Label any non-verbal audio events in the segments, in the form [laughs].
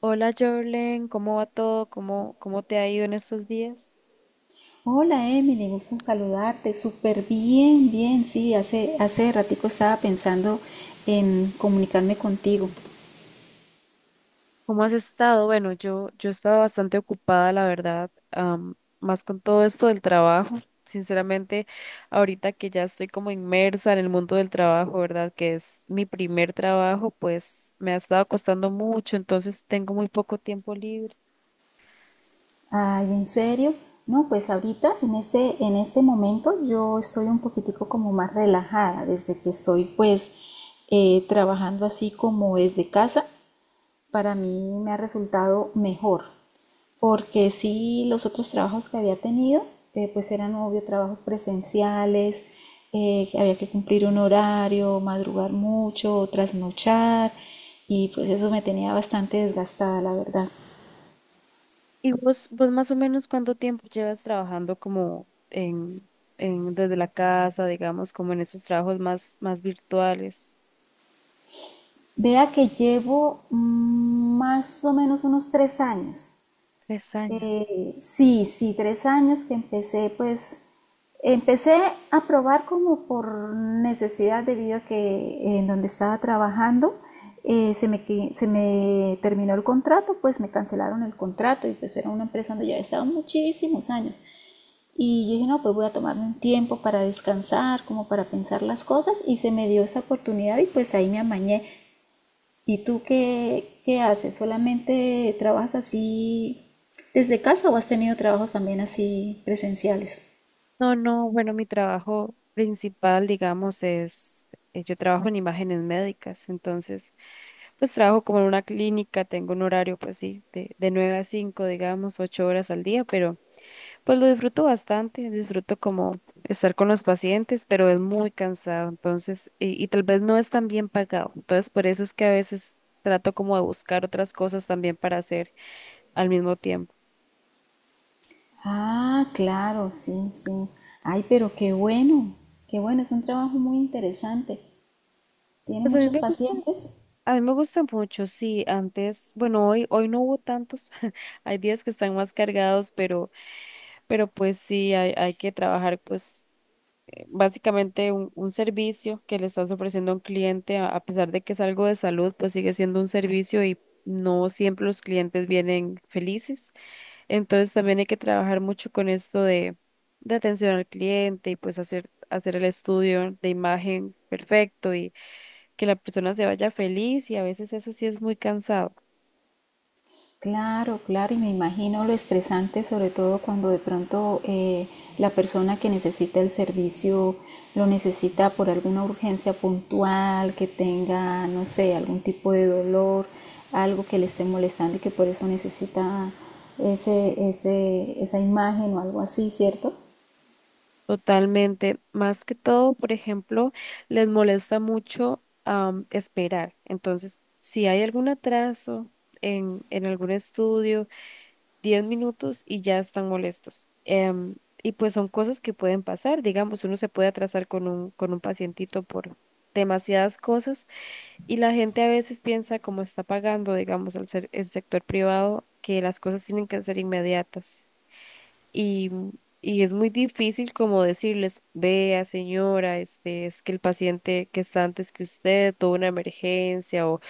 Hola, Jorlen, ¿cómo va todo? ¿Cómo te ha ido en estos días? Hola Emily, gusto en saludarte. Súper bien, bien. Sí, hace ratico estaba pensando en comunicarme contigo. ¿Cómo has estado? Bueno, yo he estado bastante ocupada, la verdad, más con todo esto del trabajo. [laughs] Sinceramente, ahorita que ya estoy como inmersa en el mundo del trabajo, ¿verdad? Que es mi primer trabajo, pues me ha estado costando mucho, entonces tengo muy poco tiempo libre. Ay, ¿en serio? No, pues ahorita, en este momento, yo estoy un poquitico como más relajada desde que estoy pues trabajando así como desde casa. Para mí me ha resultado mejor, porque sí los otros trabajos que había tenido, pues eran obvio trabajos presenciales. Había que cumplir un horario, madrugar mucho, trasnochar, y pues eso me tenía bastante desgastada, la verdad. ¿Y vos más o menos cuánto tiempo llevas trabajando como en desde la casa, digamos, como en esos trabajos más virtuales? Vea que llevo más o menos unos 3 años. 3 años. Sí, 3 años que empecé, pues, empecé a probar como por necesidad debido a que en donde estaba trabajando se me, se me terminó el contrato, pues me cancelaron el contrato y pues era una empresa donde ya había estado muchísimos años. Y yo dije, no, pues voy a tomarme un tiempo para descansar, como para pensar las cosas y se me dio esa oportunidad y pues ahí me amañé. ¿Y tú qué haces? ¿Solamente trabajas así desde casa o has tenido trabajos también así presenciales? No, no, bueno, mi trabajo principal, digamos, es, yo trabajo en imágenes médicas. Entonces, pues trabajo como en una clínica, tengo un horario, pues sí, de 9 a 5 digamos, 8 horas al día, pero pues lo disfruto bastante, disfruto como estar con los pacientes, pero es muy cansado. Entonces, y tal vez no es tan bien pagado. Entonces, por eso es que a veces trato como de buscar otras cosas también para hacer al mismo tiempo. Ah, claro, sí, sí. Ay, pero qué bueno, es un trabajo muy interesante. ¿Tiene Pues a mí muchos me gusta, pacientes? a mí me gusta mucho, sí. Antes, bueno, hoy no hubo tantos, [laughs] hay días que están más cargados, pero pues sí, hay que trabajar pues básicamente un servicio que le estás ofreciendo a un cliente, a pesar de que es algo de salud. Pues sigue siendo un servicio y no siempre los clientes vienen felices. Entonces también hay que trabajar mucho con esto de atención al cliente y pues hacer el estudio de imagen perfecto y que la persona se vaya feliz, y a veces eso sí es muy cansado. Claro, claro, y me imagino lo estresante, sobre todo cuando de pronto la persona que necesita el servicio lo necesita por alguna urgencia puntual, que tenga, no sé, algún tipo de dolor, algo que le esté molestando y que por eso necesita esa imagen o algo así, ¿cierto? Totalmente. Más que todo, por ejemplo, les molesta mucho esperar. Entonces, si hay algún atraso en algún estudio, 10 minutos y ya están molestos. Y pues son cosas que pueden pasar. Digamos, uno se puede atrasar con un pacientito por demasiadas cosas, y la gente a veces piensa, como está pagando, digamos, al ser el sector privado, que las cosas tienen que ser inmediatas. Y, y es muy difícil como decirles, vea, señora, este, es que el paciente que está antes que usted tuvo una emergencia, o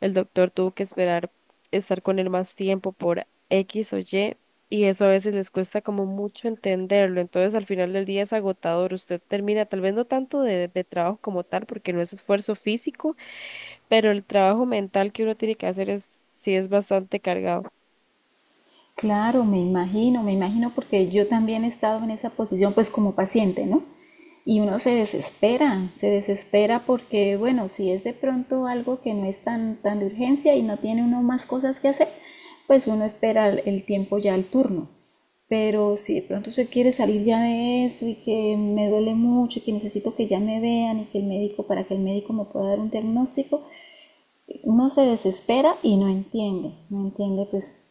el doctor tuvo que esperar estar con él más tiempo por X o Y. Y eso a veces les cuesta como mucho entenderlo. Entonces al final del día es agotador. Usted termina tal vez no tanto de trabajo como tal, porque no es esfuerzo físico, pero el trabajo mental que uno tiene que hacer es, sí es bastante cargado. Claro, me imagino porque yo también he estado en esa posición pues como paciente, ¿no? Y uno se desespera porque, bueno, si es de pronto algo que no es tan de urgencia y no tiene uno más cosas que hacer, pues uno espera el tiempo ya al turno. Pero si de pronto se quiere salir ya de eso y que me duele mucho y que necesito que ya me vean y que el médico, para que el médico me pueda dar un diagnóstico, uno se desespera y no entiende, no entiende pues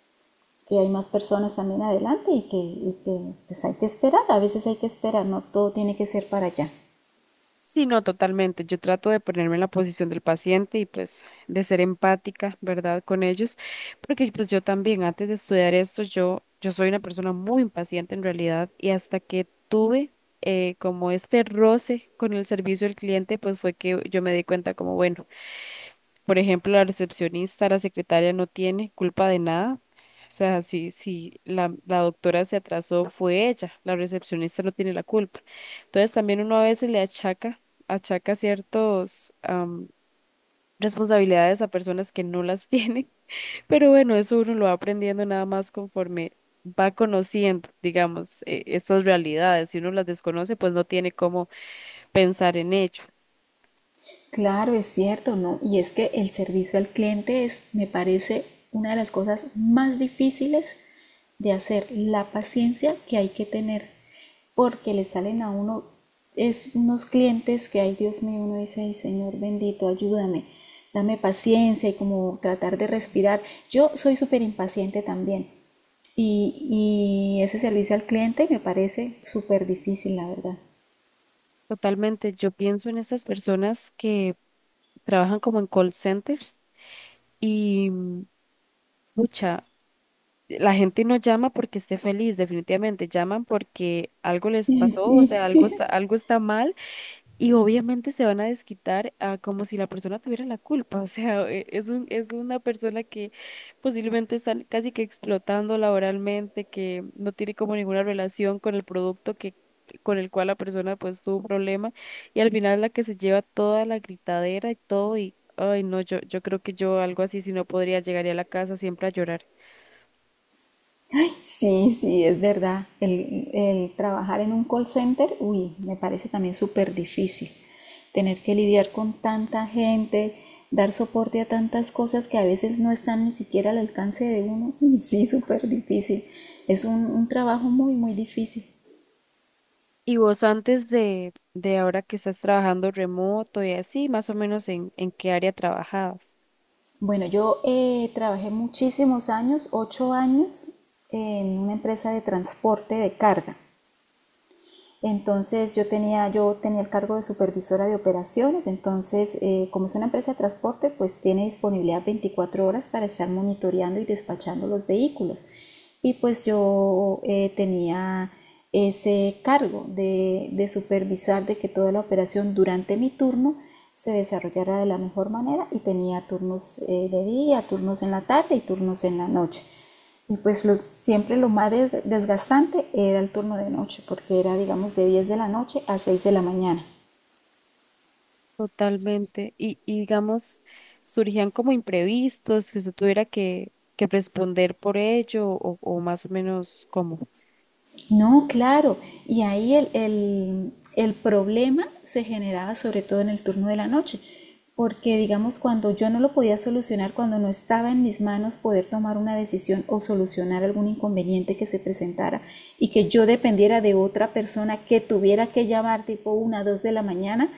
que hay más personas también adelante y que pues hay que esperar, a veces hay que esperar, no todo tiene que ser para allá. Sí, no, totalmente. Yo trato de ponerme en la posición del paciente y pues de ser empática, ¿verdad? Con ellos, porque pues yo también antes de estudiar esto, yo soy una persona muy impaciente en realidad. Y hasta que tuve como este roce con el servicio al cliente, pues fue que yo me di cuenta como, bueno. Por ejemplo, la recepcionista, la secretaria no tiene culpa de nada. O sea, si la doctora se atrasó, fue ella. La recepcionista no tiene la culpa. Entonces, también uno a veces le achaca ciertos responsabilidades a personas que no las tienen. [laughs] Pero bueno, eso uno lo va aprendiendo nada más conforme va conociendo, digamos, estas realidades. Si uno las desconoce, pues no tiene cómo pensar en ello. Claro, es cierto, ¿no? Y es que el servicio al cliente es, me parece, una de las cosas más difíciles de hacer, la paciencia que hay que tener, porque le salen a uno es unos clientes que, ay Dios mío, uno dice, ay Señor bendito, ayúdame, dame paciencia y como tratar de respirar. Yo soy súper impaciente también y ese servicio al cliente me parece súper difícil, la verdad. Totalmente, yo pienso en estas personas que trabajan como en call centers y mucha, la gente no llama porque esté feliz, definitivamente, llaman porque algo les pasó, o sea, algo está mal, y obviamente se van a desquitar a como si la persona tuviera la culpa. [laughs] O sea, es una persona que posiblemente está casi que explotando laboralmente, que no tiene como ninguna relación con el producto con el cual la persona pues tuvo un problema. Y al final la que se lleva toda la gritadera y todo. Y, ay, no, yo creo que yo algo así, si no podría, llegaría a la casa siempre a llorar. Ay, sí, sí, es verdad. El trabajar en un call center, uy, me parece también súper difícil. Tener que lidiar con tanta gente, dar soporte a tantas cosas que a veces no están ni siquiera al alcance de uno. [laughs] Uy, sí, súper difícil. Es un trabajo muy, muy difícil. ¿Y vos antes de ahora que estás trabajando remoto y así, más o menos en qué área trabajabas? Bueno, yo trabajé muchísimos años, 8 años, en una empresa de transporte de carga. Entonces yo tenía el cargo de supervisora de operaciones, entonces como es una empresa de transporte, pues tiene disponibilidad 24 horas para estar monitoreando y despachando los vehículos. Y pues yo tenía ese cargo de supervisar de que toda la operación durante mi turno se desarrollara de la mejor manera y tenía turnos de día, turnos en la tarde y turnos en la noche. Y pues lo, siempre lo más desgastante era el turno de noche, porque era, digamos, de 10 de la noche a 6 de la mañana. Totalmente. Y, digamos, surgían como imprevistos, que usted tuviera que responder por ello, o más o menos como. No, claro, y ahí el problema se generaba sobre todo en el turno de la noche, porque digamos, cuando yo no lo podía solucionar, cuando no estaba en mis manos poder tomar una decisión o solucionar algún inconveniente que se presentara y que yo dependiera de otra persona que tuviera que llamar tipo 1 2 de la mañana,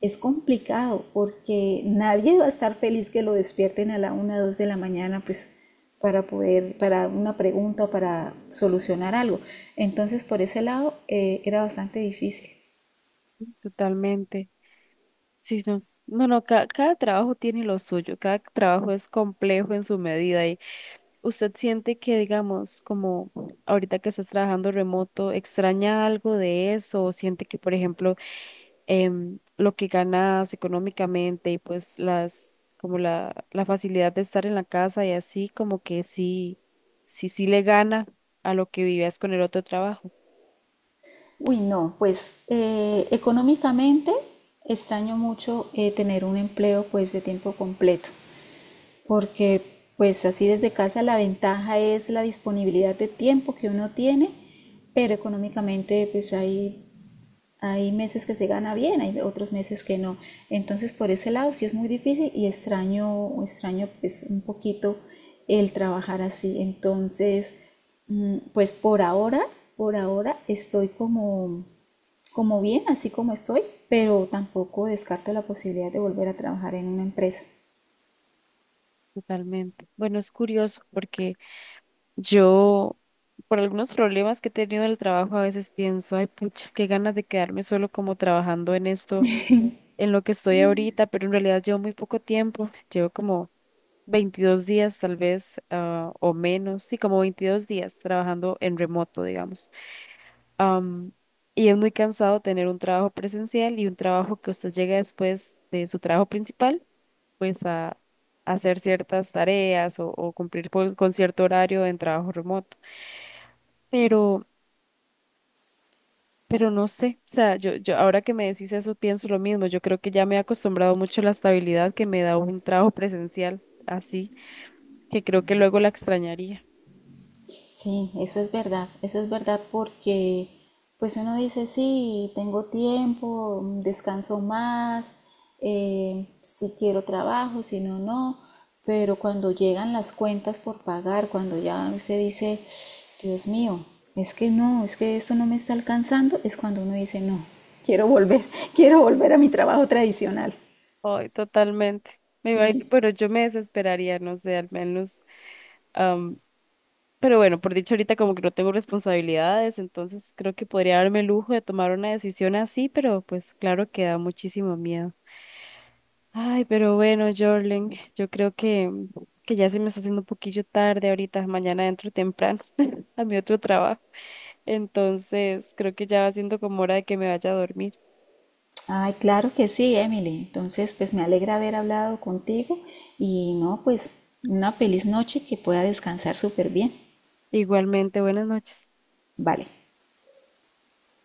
es complicado porque nadie va a estar feliz que lo despierten a la 1 o 2 de la mañana, pues para poder, para una pregunta o para solucionar algo. Entonces, por ese lado, era bastante difícil. Totalmente. Sí, no. No, no, cada trabajo tiene lo suyo, cada trabajo es complejo en su medida. Y usted siente que, digamos, como ahorita que estás trabajando remoto, ¿extraña algo de eso? O siente que, por ejemplo, lo que ganas económicamente y pues como la facilidad de estar en la casa, y así como que sí, sí, sí le gana a lo que vivías con el otro trabajo. Uy, no, pues económicamente extraño mucho tener un empleo pues de tiempo completo, porque pues así desde casa la ventaja es la disponibilidad de tiempo que uno tiene, pero económicamente pues hay hay meses que se gana bien, hay otros meses que no. Entonces, por ese lado sí es muy difícil y extraño, extraño pues un poquito el trabajar así. Entonces, pues por ahora estoy como, como bien, así como estoy, pero tampoco descarto la posibilidad de volver a trabajar en una empresa. Totalmente. Bueno, es curioso porque yo, por algunos problemas que he tenido en el trabajo, a veces pienso, ay, pucha, qué ganas de quedarme solo como trabajando en esto, en lo que estoy ahorita. Pero en realidad llevo muy poco tiempo, llevo como 22 días tal vez o menos, sí, como 22 días trabajando en remoto, digamos. Am, y es muy cansado tener un trabajo presencial y un trabajo que usted llega después de su trabajo principal, pues a hacer ciertas tareas, o cumplir con cierto horario en trabajo remoto. Pero, pero no sé, o sea, yo ahora que me decís eso pienso lo mismo. Yo creo que ya me he acostumbrado mucho a la estabilidad que me da un trabajo presencial así, que creo que luego la extrañaría. Sí, eso es verdad porque pues uno dice, sí, tengo tiempo, descanso más, si quiero trabajo, si no, no, pero cuando llegan las cuentas por pagar, cuando ya usted dice, Dios mío, es que no, es que esto no me está alcanzando, es cuando uno dice, no, quiero volver, [laughs] quiero volver a mi trabajo tradicional. Ay, totalmente. Me imagino, Sí. pero yo me desesperaría, no sé, al menos. am, pero bueno, por dicho ahorita como que no tengo responsabilidades, entonces creo que podría darme el lujo de tomar una decisión así, pero pues claro que da muchísimo miedo. Ay, pero bueno, Jorlen, yo creo que ya se me está haciendo un poquillo tarde ahorita, mañana entro temprano [laughs] a mi otro trabajo. Entonces, creo que ya va siendo como hora de que me vaya a dormir. Ay, claro que sí, Emily. Entonces, pues me alegra haber hablado contigo y no, pues una feliz noche que pueda descansar súper bien. Igualmente, buenas noches. Vale.